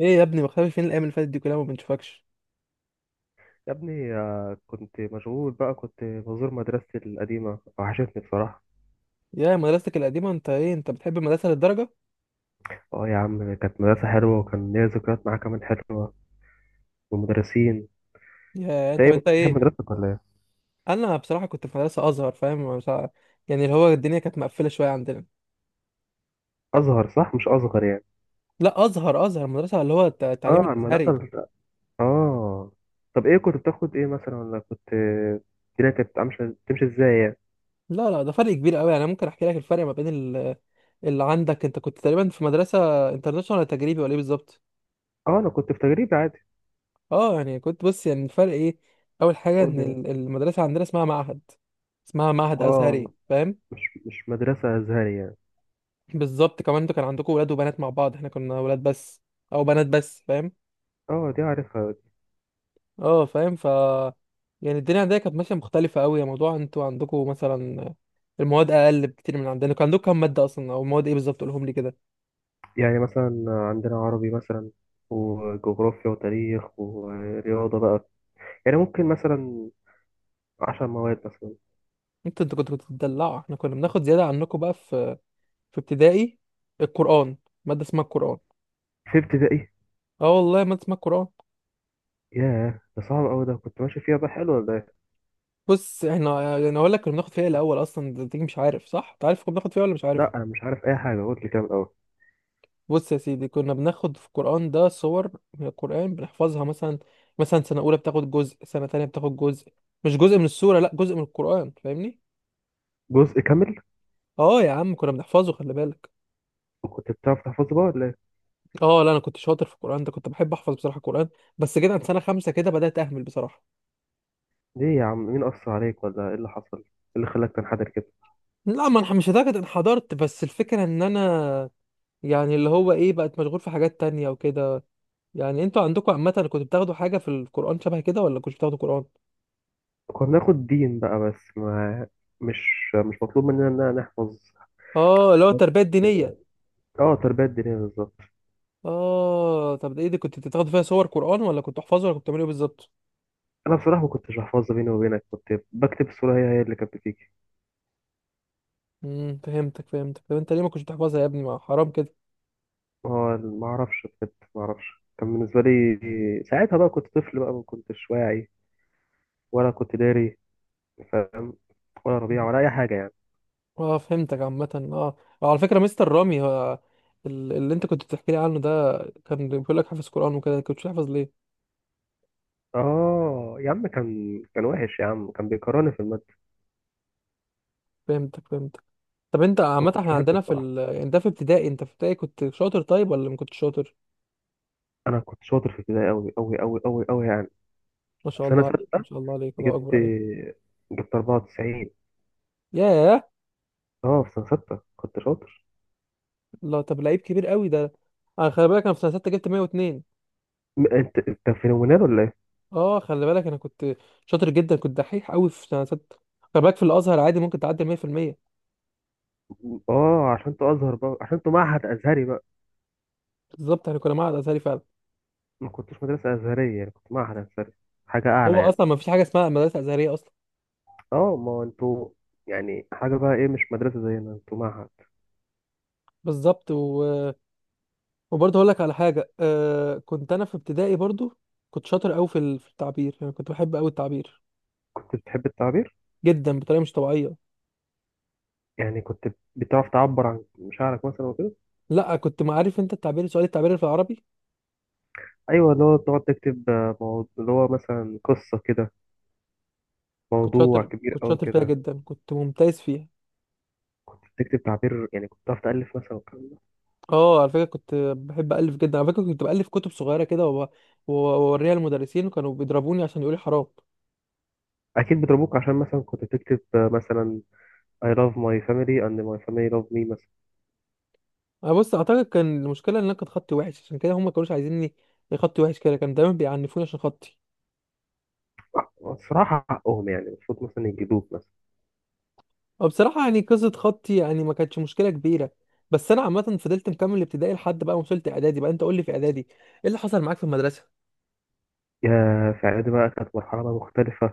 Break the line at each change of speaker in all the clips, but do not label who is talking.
ايه يا ابني، مختفي فين الايام اللي فاتت دي كلها؟ ما بنشوفكش.
يا ابني، كنت مشغول بقى، كنت بزور مدرستي القديمة، وحشتني بصراحة.
يا مدرستك القديمه، انت ايه؟ انت بتحب المدرسه للدرجه؟
اه، يا عم كانت مدرسة حلوة، وكان ليا ذكريات معاها كمان حلوة، والمدرسين.
يا
انت
طب
ايه، كنت
انت
بتحب
ايه؟
مدرستك ولا ايه؟
انا بصراحه كنت في مدرسه ازهر، فاهم؟ مش يعني اللي هو الدنيا كانت مقفله شويه عندنا.
أزهر، صح؟ مش أصغر يعني.
لا، ازهر مدرسه، اللي هو التعليم
اه، المدرسة
الازهري.
اه. طب ايه كنت بتاخد ايه مثلا، ولا الدنيا كانت عاملة تمشي ازاي يعني؟
لا لا، ده فرق كبير قوي. انا ممكن احكي لك الفرق ما بين اللي عندك. انت كنت تقريبا في مدرسه انترناشونال ولا تجريبي ولا ايه بالظبط؟
اه، انا كنت في تجريبي عادي.
اه، يعني كنت بص، يعني الفرق ايه. اول حاجه
قول
ان
لي مثلا.
المدرسه عندنا اسمها معهد. اسمها معهد
اه،
ازهري، فاهم؟
مش مدرسة أزهري يعني.
بالظبط. كمان انتوا كان عندكم ولاد وبنات مع بعض، احنا كنا ولاد بس او بنات بس، فاهم؟
اه، دي عارفها.
اه، فاهم. يعني الدنيا عندنا كانت ماشيه مختلفه قوي يا موضوع. انتوا عندكم مثلا المواد اقل بكتير من عندنا. كان عندكم كام ماده اصلا او مواد ايه بالظبط؟ قولهم لي كده.
يعني مثلا عندنا عربي مثلا، وجغرافيا وتاريخ ورياضة بقى. يعني ممكن مثلا 10 مواد مثلا.
انتوا كنتوا بتدلعوا، احنا كنا بناخد زياده عنكم بقى في ابتدائي. القران، ماده اسمها القران.
في ابتدائي.
اه والله، ماده اسمها القران.
ياه، ده صعب أوي، ده كنت ماشي فيها بقى حلو ولا ايه؟
بص احنا يعني اقول لك كنا بناخد فيها إيه الاول اصلا. انت مش عارف صح؟ انت عارف كنا بناخد فيها ولا مش عارف؟
لأ، أنا مش عارف أي حاجة، قلت لي كده من الأول.
بص يا سيدي، كنا بناخد في القرآن ده صور من القرآن بنحفظها مثلا. مثلا سنة أولى بتاخد جزء، سنة تانية بتاخد جزء. مش جزء من السورة، لا، جزء من القرآن، فاهمني؟
جزء كامل.
اه يا عم، كنا بنحفظه، خلي بالك.
وكنت بتعرف تحفظه بقى ولا ايه؟
اه لا، انا كنت شاطر في القرآن ده. كنت بحب احفظ بصراحة القرآن. بس جيت عند سنة خمسة كده بدأت اهمل بصراحة.
ليه يا عم؟ مين أثر عليك ولا ايه اللي حصل؟ ايه اللي خلاك تنحدر كده؟
لا، ما انا مش لدرجة انحدرت، بس الفكرة ان انا يعني اللي هو ايه، بقت مشغول في حاجات تانية وكده. يعني انتوا عندكم عامة كنتوا بتاخدوا حاجة في القرآن شبه كده، ولا كنتوا بتاخدوا قرآن؟
كنا بناخد دين بقى، بس ما مش مطلوب مننا إن أنا نحفظ
اه، اللي هو
حاجات
التربية الدينية.
كده. اه، تربية دينية بالظبط.
اه طب ده ايه، دي كنت بتاخد فيها صور قرآن ولا كنت تحفظها ولا كنت بتعمل ايه بالظبط؟
انا بصراحه ما كنتش بحفظها، بيني وبينك كنت بكتب الصوره هي هي اللي كانت بتيجي.
فهمتك فهمتك. طب انت ليه ما كنتش بتحفظها يا ابني؟ ما حرام كده.
ما هو ما اعرفش، بجد ما اعرفش، كان بالنسبه لي ساعتها بقى كنت طفل بقى، ما كنتش واعي ولا كنت داري، فاهم، ولا ربيع
مهم.
ولا اي حاجه يعني.
اه فهمتك، عامة. على فكرة، مستر رامي، اللي انت كنت بتحكي لي عنه ده، كان بيقول لك حافظ قرآن وكده، كنت تحفظ ليه؟
اه، يا عم كان وحش، يا عم كان بيكرهني في الماده.
فهمتك فهمتك. طب انت
ما
عامة،
كنتش
احنا
بحبه
عندنا في
بصراحه.
يعني ده في ابتدائي. انت في ابتدائي كنت شاطر طيب ولا ما كنتش شاطر؟
انا كنت شاطر في ابتدائي قوي قوي قوي قوي قوي يعني.
ما
في
شاء
سنه
الله عليك، ما
سته
شاء الله عليك، الله
جبت
اكبر عليك.
جبت 94.
ياه!
اه، في سنه سته كنت شاطر.
لا طب لعيب كبير قوي ده. انا خلي بالك انا في سنة 6 جبت 102.
انت في نونال ولا إيه؟
اه خلي بالك، انا كنت شاطر جدا، كنت دحيح قوي في سنه سته. خلي بالك في الازهر عادي ممكن تعدي 100%.
اه، عشان انتوا ازهر بقى، عشان انتوا معهد ازهري بقى.
بالظبط، احنا كنا معهد ازهري فعلا.
ما كنتوش مدرسه ازهريه يعني، كنت معهد ازهري، حاجه
هو
اعلى يعني.
اصلا ما فيش حاجه اسمها مدرسه ازهريه اصلا.
اه، ما هو انتوا يعني حاجه بقى، ايه، مش مدرسه زينا، انتوا معهد.
بالظبط وبرضه هقول لك على حاجه. كنت انا في ابتدائي برضه كنت شاطر قوي في في التعبير، يعني كنت بحب قوي التعبير
كنت بتحب التعبير،
جدا، بطريقه مش طبيعيه.
يعني كنت بتعرف تعبر عن مشاعرك مثلا وكده.
لا، كنت ما عارف انت التعبير، سؤال التعبير في العربي.
ايوه، اللي هو تقعد تكتب موضوع، اللي هو مثلا قصه كده،
كنت
موضوع
شاطر،
كبير
كنت
قوي
شاطر فيها
كده.
جدا، كنت ممتاز فيها.
كنت بتكتب تعبير، يعني كنت بتعرف تألف مثلا والكلام ده.
اه على فكره، كنت بحب الف جدا. على فكره كنت بالف كتب صغيره كده واوريها للمدرسين، وكانوا بيضربوني عشان يقولوا لي حرام.
اكيد بيضربوك عشان مثلا كنت بتكتب مثلا I love my family and my family love me مثلا.
انا بص اعتقد كان المشكله ان انا كان خطي وحش، عشان كده هم ما كانوش عايزيني. خطي وحش كده، كانوا دايما بيعنفوني عشان خطي.
الصراحة حقهم، يعني المفروض مثلا يجيبوك مثلا.
وبصراحه يعني قصه خطي يعني ما كانتش مشكله كبيره. بس انا عامه فضلت مكمل ابتدائي لحد بقى ما وصلت اعدادي بقى. انت قول لي في اعدادي ايه اللي حصل معاك في المدرسه.
يا في إعدادي بقى كانت مرحلة بقى مختلفة.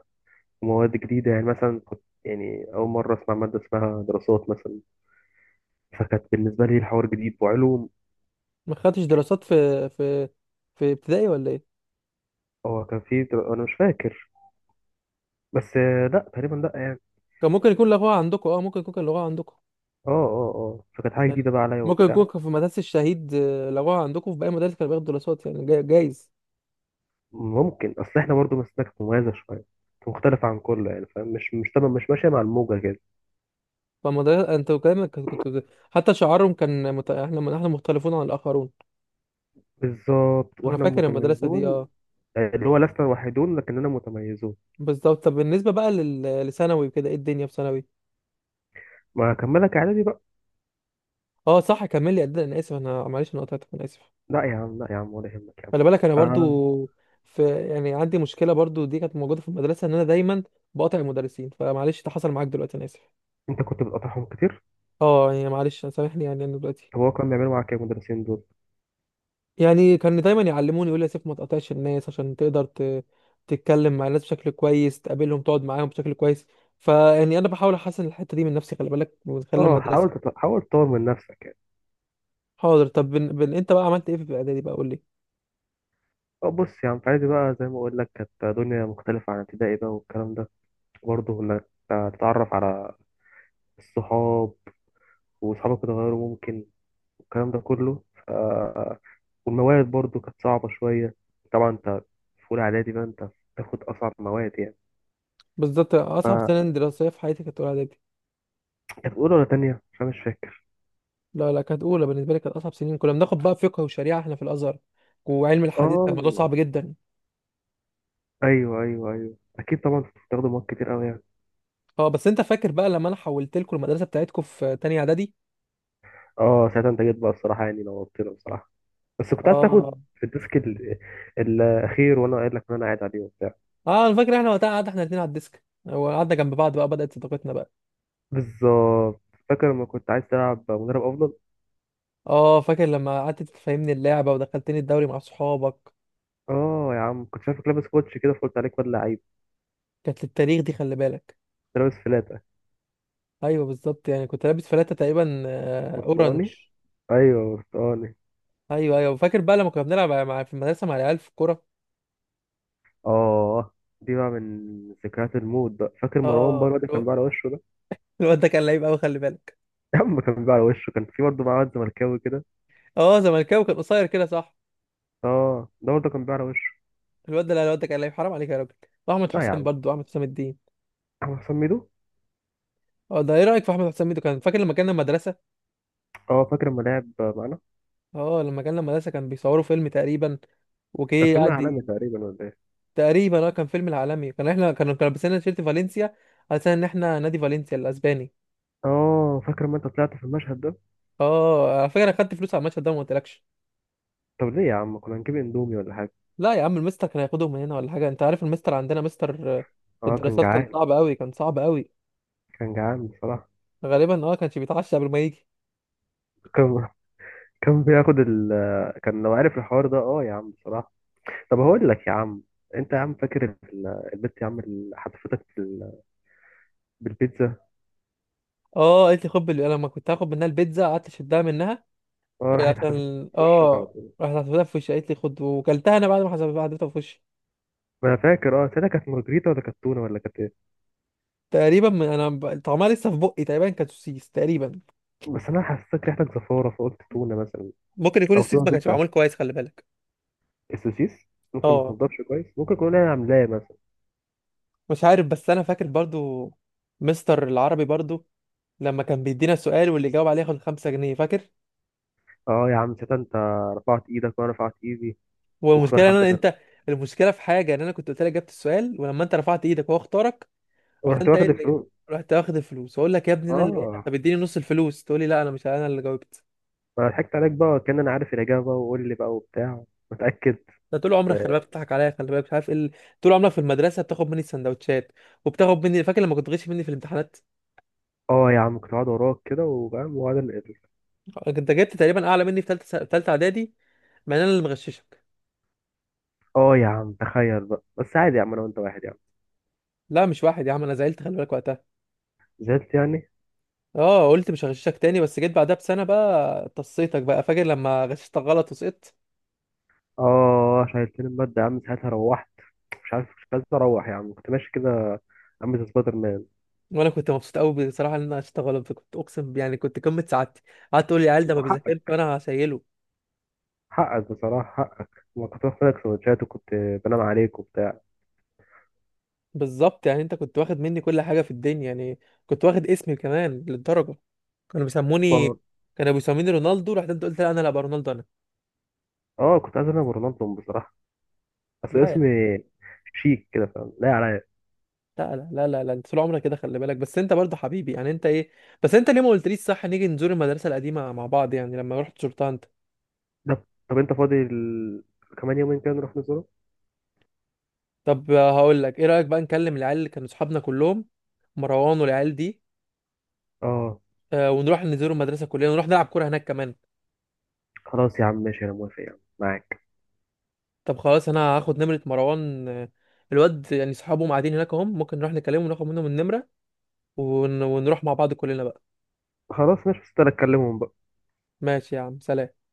ومواد جديدة، يعني مثلا كنت يعني أول مرة أسمع مادة اسمها دراسات مثلا، فكانت بالنسبة لي الحوار جديد، وعلوم.
ما خدتش دراسات في في ابتدائي ولا ايه؟
هو كان في أنا مش فاكر. بس لأ تقريبا، لأ يعني.
كان ممكن يكون لغوها عندكم. اه ممكن يكون كان لغوها عندكم.
اه، اه، اه، فكانت حاجة جديدة بقى عليا
ممكن يكون
وبتاع.
في مدرسة الشهيد، لغوها عندكم، في باقي المدارس كانوا بياخدوا دراسات يعني، جايز.
ممكن. أصل إحنا برضه مسلكنا كانت مميزة شوية. كانت مختلفة عن كله يعني، فاهم، مش تمام، مش ماشية مع الموجة كده.
فالمدرسة انت كلامك، حتى شعارهم كان احنا مختلفون عن الآخرون.
بالظبط،
انا
وإحنا
فاكر المدرسة دي،
متميزون.
اه.
اللي هو لسنا وحيدون لكننا متميزون.
بالظبط. طب بالنسبة بقى لثانوي وكده، ايه الدنيا في ثانوي؟
ما أكملك إعدادي بقى.
اه صح، كمل لي. قد انا اسف، انا معلش انا قطعتك، انا اسف.
لا يا عم، لا يا عم، ولا يهمك يا عم.
خلي بالك انا برضو
آه.
في، يعني عندي مشكلة برضو، دي كانت موجودة في المدرسة، ان انا دايما بقاطع المدرسين. فمعلش ده حصل معاك دلوقتي، انا اسف.
انت كنت بتقطعهم كتير؟
اه يعني معلش سامحني، يعني انا دلوقتي.
طب هو كان بيعملوا معاك ايه المدرسين دول؟
يعني كان دايما يعلموني، يقول لي يا سيف ما تقاطعش الناس عشان تقدر تتكلم مع الناس بشكل كويس، تقابلهم، تقعد معاهم بشكل كويس. فيعني انا بحاول احسن الحته دي من نفسي، خلي بالك، من خلال
اه،
المدرسه.
حاول تطور من نفسك يعني.
حاضر. طب انت بقى عملت ايه في اعدادي بقى؟ قول لي.
اه، بص يا عم، في اعدادي بقى زي ما اقول لك كانت دنيا مختلفة عن ابتدائي بقى والكلام ده. برضه انك تتعرف على الصحاب، وصحابك اتغيروا ممكن، والكلام ده كله والمواد برضه كانت صعبة شوية. طبعا انت في اولى اعدادي بقى، انت بتاخد اصعب مواد يعني.
بالظبط، اصعب
فانت
سنه دراسيه في حياتي كانت اولى اعدادي.
في اولى ولا تانية؟ عشان مش فاكر.
لا لا، كانت اولى بالنسبه لي، كانت اصعب سنين. كنا بناخد بقى فقه وشريعه احنا في الازهر، وعلم الحديث، كان الموضوع
اه،
صعب جدا.
ايوه، ايوه، ايوه، اكيد طبعا بتستخدم مواد كتير قوي يعني.
اه، بس انت فاكر بقى لما انا حولت لكم المدرسه بتاعتكم في تانية اعدادي؟
اه، ساعتها انت جيت بقى الصراحه، يعني نورتنا بصراحه. بس كنت عايز
اه
تاخد في الديسك الاخير، وانا قايل لك ان انا قاعد عليه وبتاع.
اه، انا فاكر، احنا وقتها قعدنا احنا الاثنين على الديسك، وقعدنا جنب بعض بقى، بدأت صداقتنا بقى.
بالظبط. فاكر لما كنت عايز تلعب مدرب افضل؟
اه فاكر لما قعدت تفهمني اللعبة ودخلتني الدوري مع صحابك.
اه، يا عم كنت شايفك لابس كوتش كده، فقلت عليك واد لعيب.
كانت للتاريخ دي، خلي بالك.
كنت لابس فلاته.
ايوه بالظبط، يعني كنت لابس فلاتة تقريبا، اورنج.
برتقاني. ايوه، برتقاني.
ايوه ايوه، فاكر بقى لما كنا بنلعب مع في المدرسة مع العيال في الكورة.
اه، دي بقى من ذكريات الموت بقى. فاكر مروان
اه
بره ده كان بيعرى وشه ده؟
الواد ده كان لعيب قوي، خلي بالك.
يا عم، كان بيعرى وشه، كان في برضه بقى واد زملكاوي كده.
اه زملكاوي، كان قصير كده صح.
اه، ده برضه كان بيعرى وشه.
الواد ده، لا، الواد ده كان لعيب، حرام عليك يا راجل. واحمد
لا يا
حسام
عم،
برضو، احمد حسام الدين.
هو حسام ميدو.
اه ده، ايه رأيك في احمد حسام الدين؟ كان فاكر لما كان المدرسة.
اه، فاكر لما لعب معانا.
اه لما كان المدرسة كان بيصوروا فيلم تقريبا،
كان
وجه
فيلم
قعد
عالمي تقريبا ولا ايه؟
تقريبا كان فيلم العالمي. كان احنا كانوا لابسين تيشيرت فالنسيا، على اساس ان احنا نادي فالنسيا الاسباني.
اه، فاكر ما انت طلعت في المشهد ده.
اه، على فكرة انا خدت فلوس على المشهد ده وما قلتلكش.
طب ليه يا عم؟ كنا هنجيب اندومي ولا حاجه.
لا يا عم، المستر كان هياخدهم من هنا ولا حاجة. انت عارف المستر عندنا، مستر
اه، كان
الدراسات، كان
جعان.
صعب قوي، كان صعب قوي.
كان جعان بصراحه.
غالبا كانش بيتعشى قبل ما يجي.
كان كان بياخد ال كان لو عارف الحوار ده، اه يا عم بصراحه. طب هقول لك يا عم. انت يا عم فاكر البت يا عم اللي حتفتك بالبيتزا؟
اه قالت لي خد، انا لما كنت هاخد منها البيتزا قعدت اشدها منها.
اه،
آه،
راحت حتفتك
عشان
في وشك على طول.
راحت حسبتها في وشي، قالت لي خد، وكلتها انا بعد ما حسبتها في وشي.
ما انا فاكر، ساعتها كانت مارجريتا ولا كانت تونه ولا كانت ايه؟
تقريبا من انا طعمها لسه في بقي، تقريبا كانت سوسيس تقريبا.
بس انا حسيت ريحتك زفاره فقلت تونه مثلا.
ممكن يكون
او
السيس
تونه.
ما كانش معمول كويس، خلي بالك.
السوسيس ممكن ما
اه
تنضفش كويس، ممكن يكون انا عاملاه مثلا.
مش عارف، بس انا فاكر برضو، مستر العربي برضو، لما كان بيدينا سؤال واللي يجاوب عليه ياخد 5 جنيه، فاكر؟
اه يا عم، شتا. انت رفعت ايدك وانا رفعت ايدي، واختار
والمشكله ان
حد
انا،
غيرنا،
المشكله في حاجه ان انا كنت قلت لك جبت السؤال، ولما انت رفعت ايدك وهو اختارك، رحت
ورحت
انت ايه
واخد
اللي
الفلوس.
رحت واخد الفلوس، اقول لك يا ابني انا اللي ايه،
اه،
طب اديني نص الفلوس، تقول لي لا، انا مش انا اللي جاوبت.
ما أنا ضحكت عليك بقى، كان انا عارف الاجابه، وقول لي بقى وبتاع متاكد.
ده طول عمرك
بس.
خلي بالك بتضحك عليا، خلي بالك مش عارف ايه طول عمرك في المدرسه بتاخد مني السندوتشات، وبتاخد مني، فاكر لما كنت تغش مني في الامتحانات؟
اه يا عم، كنت قاعد وراك كده وفاهم وقعد
انت جبت تقريبا اعلى مني في ثالثه اعدادي، مع ان انا اللي مغششك.
اه يا عم، تخيل بقى، بس عادي يا عم، انا وانت واحد يا عم.
لا مش واحد يا عم، انا زعلت خلي بالك وقتها.
زعلت يعني؟
اه قلت مش هغششك تاني، بس جيت بعدها بسنه بقى طصيتك بقى، فاكر لما غششتك غلط وسقطت؟
اه، شايلتني المادة يا عم ساعتها، روحت مش عارف، مش عايز اروح يا عم، كنت ماشي كده عم زي سبايدر
وانا كنت مبسوط قوي بصراحه ان انا غششتك غلط. كنت اقسم يعني كنت قمه سعادتي. قعدت تقول لي العيال ده ما
مان.
بيذاكرش وانا هشيله.
حقك بصراحة، حقك. ما كنت باخد لك سندوتشات، وكنت بنام عليك وبتاع.
بالظبط، يعني انت كنت واخد مني كل حاجه في الدنيا يعني. كنت واخد اسمي كمان للدرجه. كانوا
ما-
بيسموني كانوا بيسموني رونالدو. رحت انت قلت لا، انا لا ابقى رونالدو انا.
اه، كنت عايز انام رونالدو بصراحة. بس
لا يا
اسمي شيك كده، فاهم، لا عليا.
لا لا لا لا, لا. انت طول عمرك كده، خلي بالك، بس انت برضه حبيبي. يعني انت ايه؟ بس انت ليه ما قلتليش صح نيجي نزور المدرسه القديمه مع بعض يعني لما رحت شرطه انت؟
ده طب انت فاضي كمان يومين كده نروح نزوره.
طب هقول لك، ايه رايك بقى نكلم العيال اللي كانوا اصحابنا كلهم، مروان والعيال دي،
اه،
ونروح نزور المدرسه كلنا ونروح نلعب كوره هناك كمان؟
خلاص يا عم ماشي، انا موافق يا عم معاك.
طب خلاص، انا هاخد نمره مروان، الواد، يعني صحابهم قاعدين هناك اهم، ممكن نروح نكلمهم وناخد منهم النمره، ونروح مع بعض كلنا بقى.
خلاص ماشي، بس انا اكلمهم بقى.
ماشي يا عم، سلام.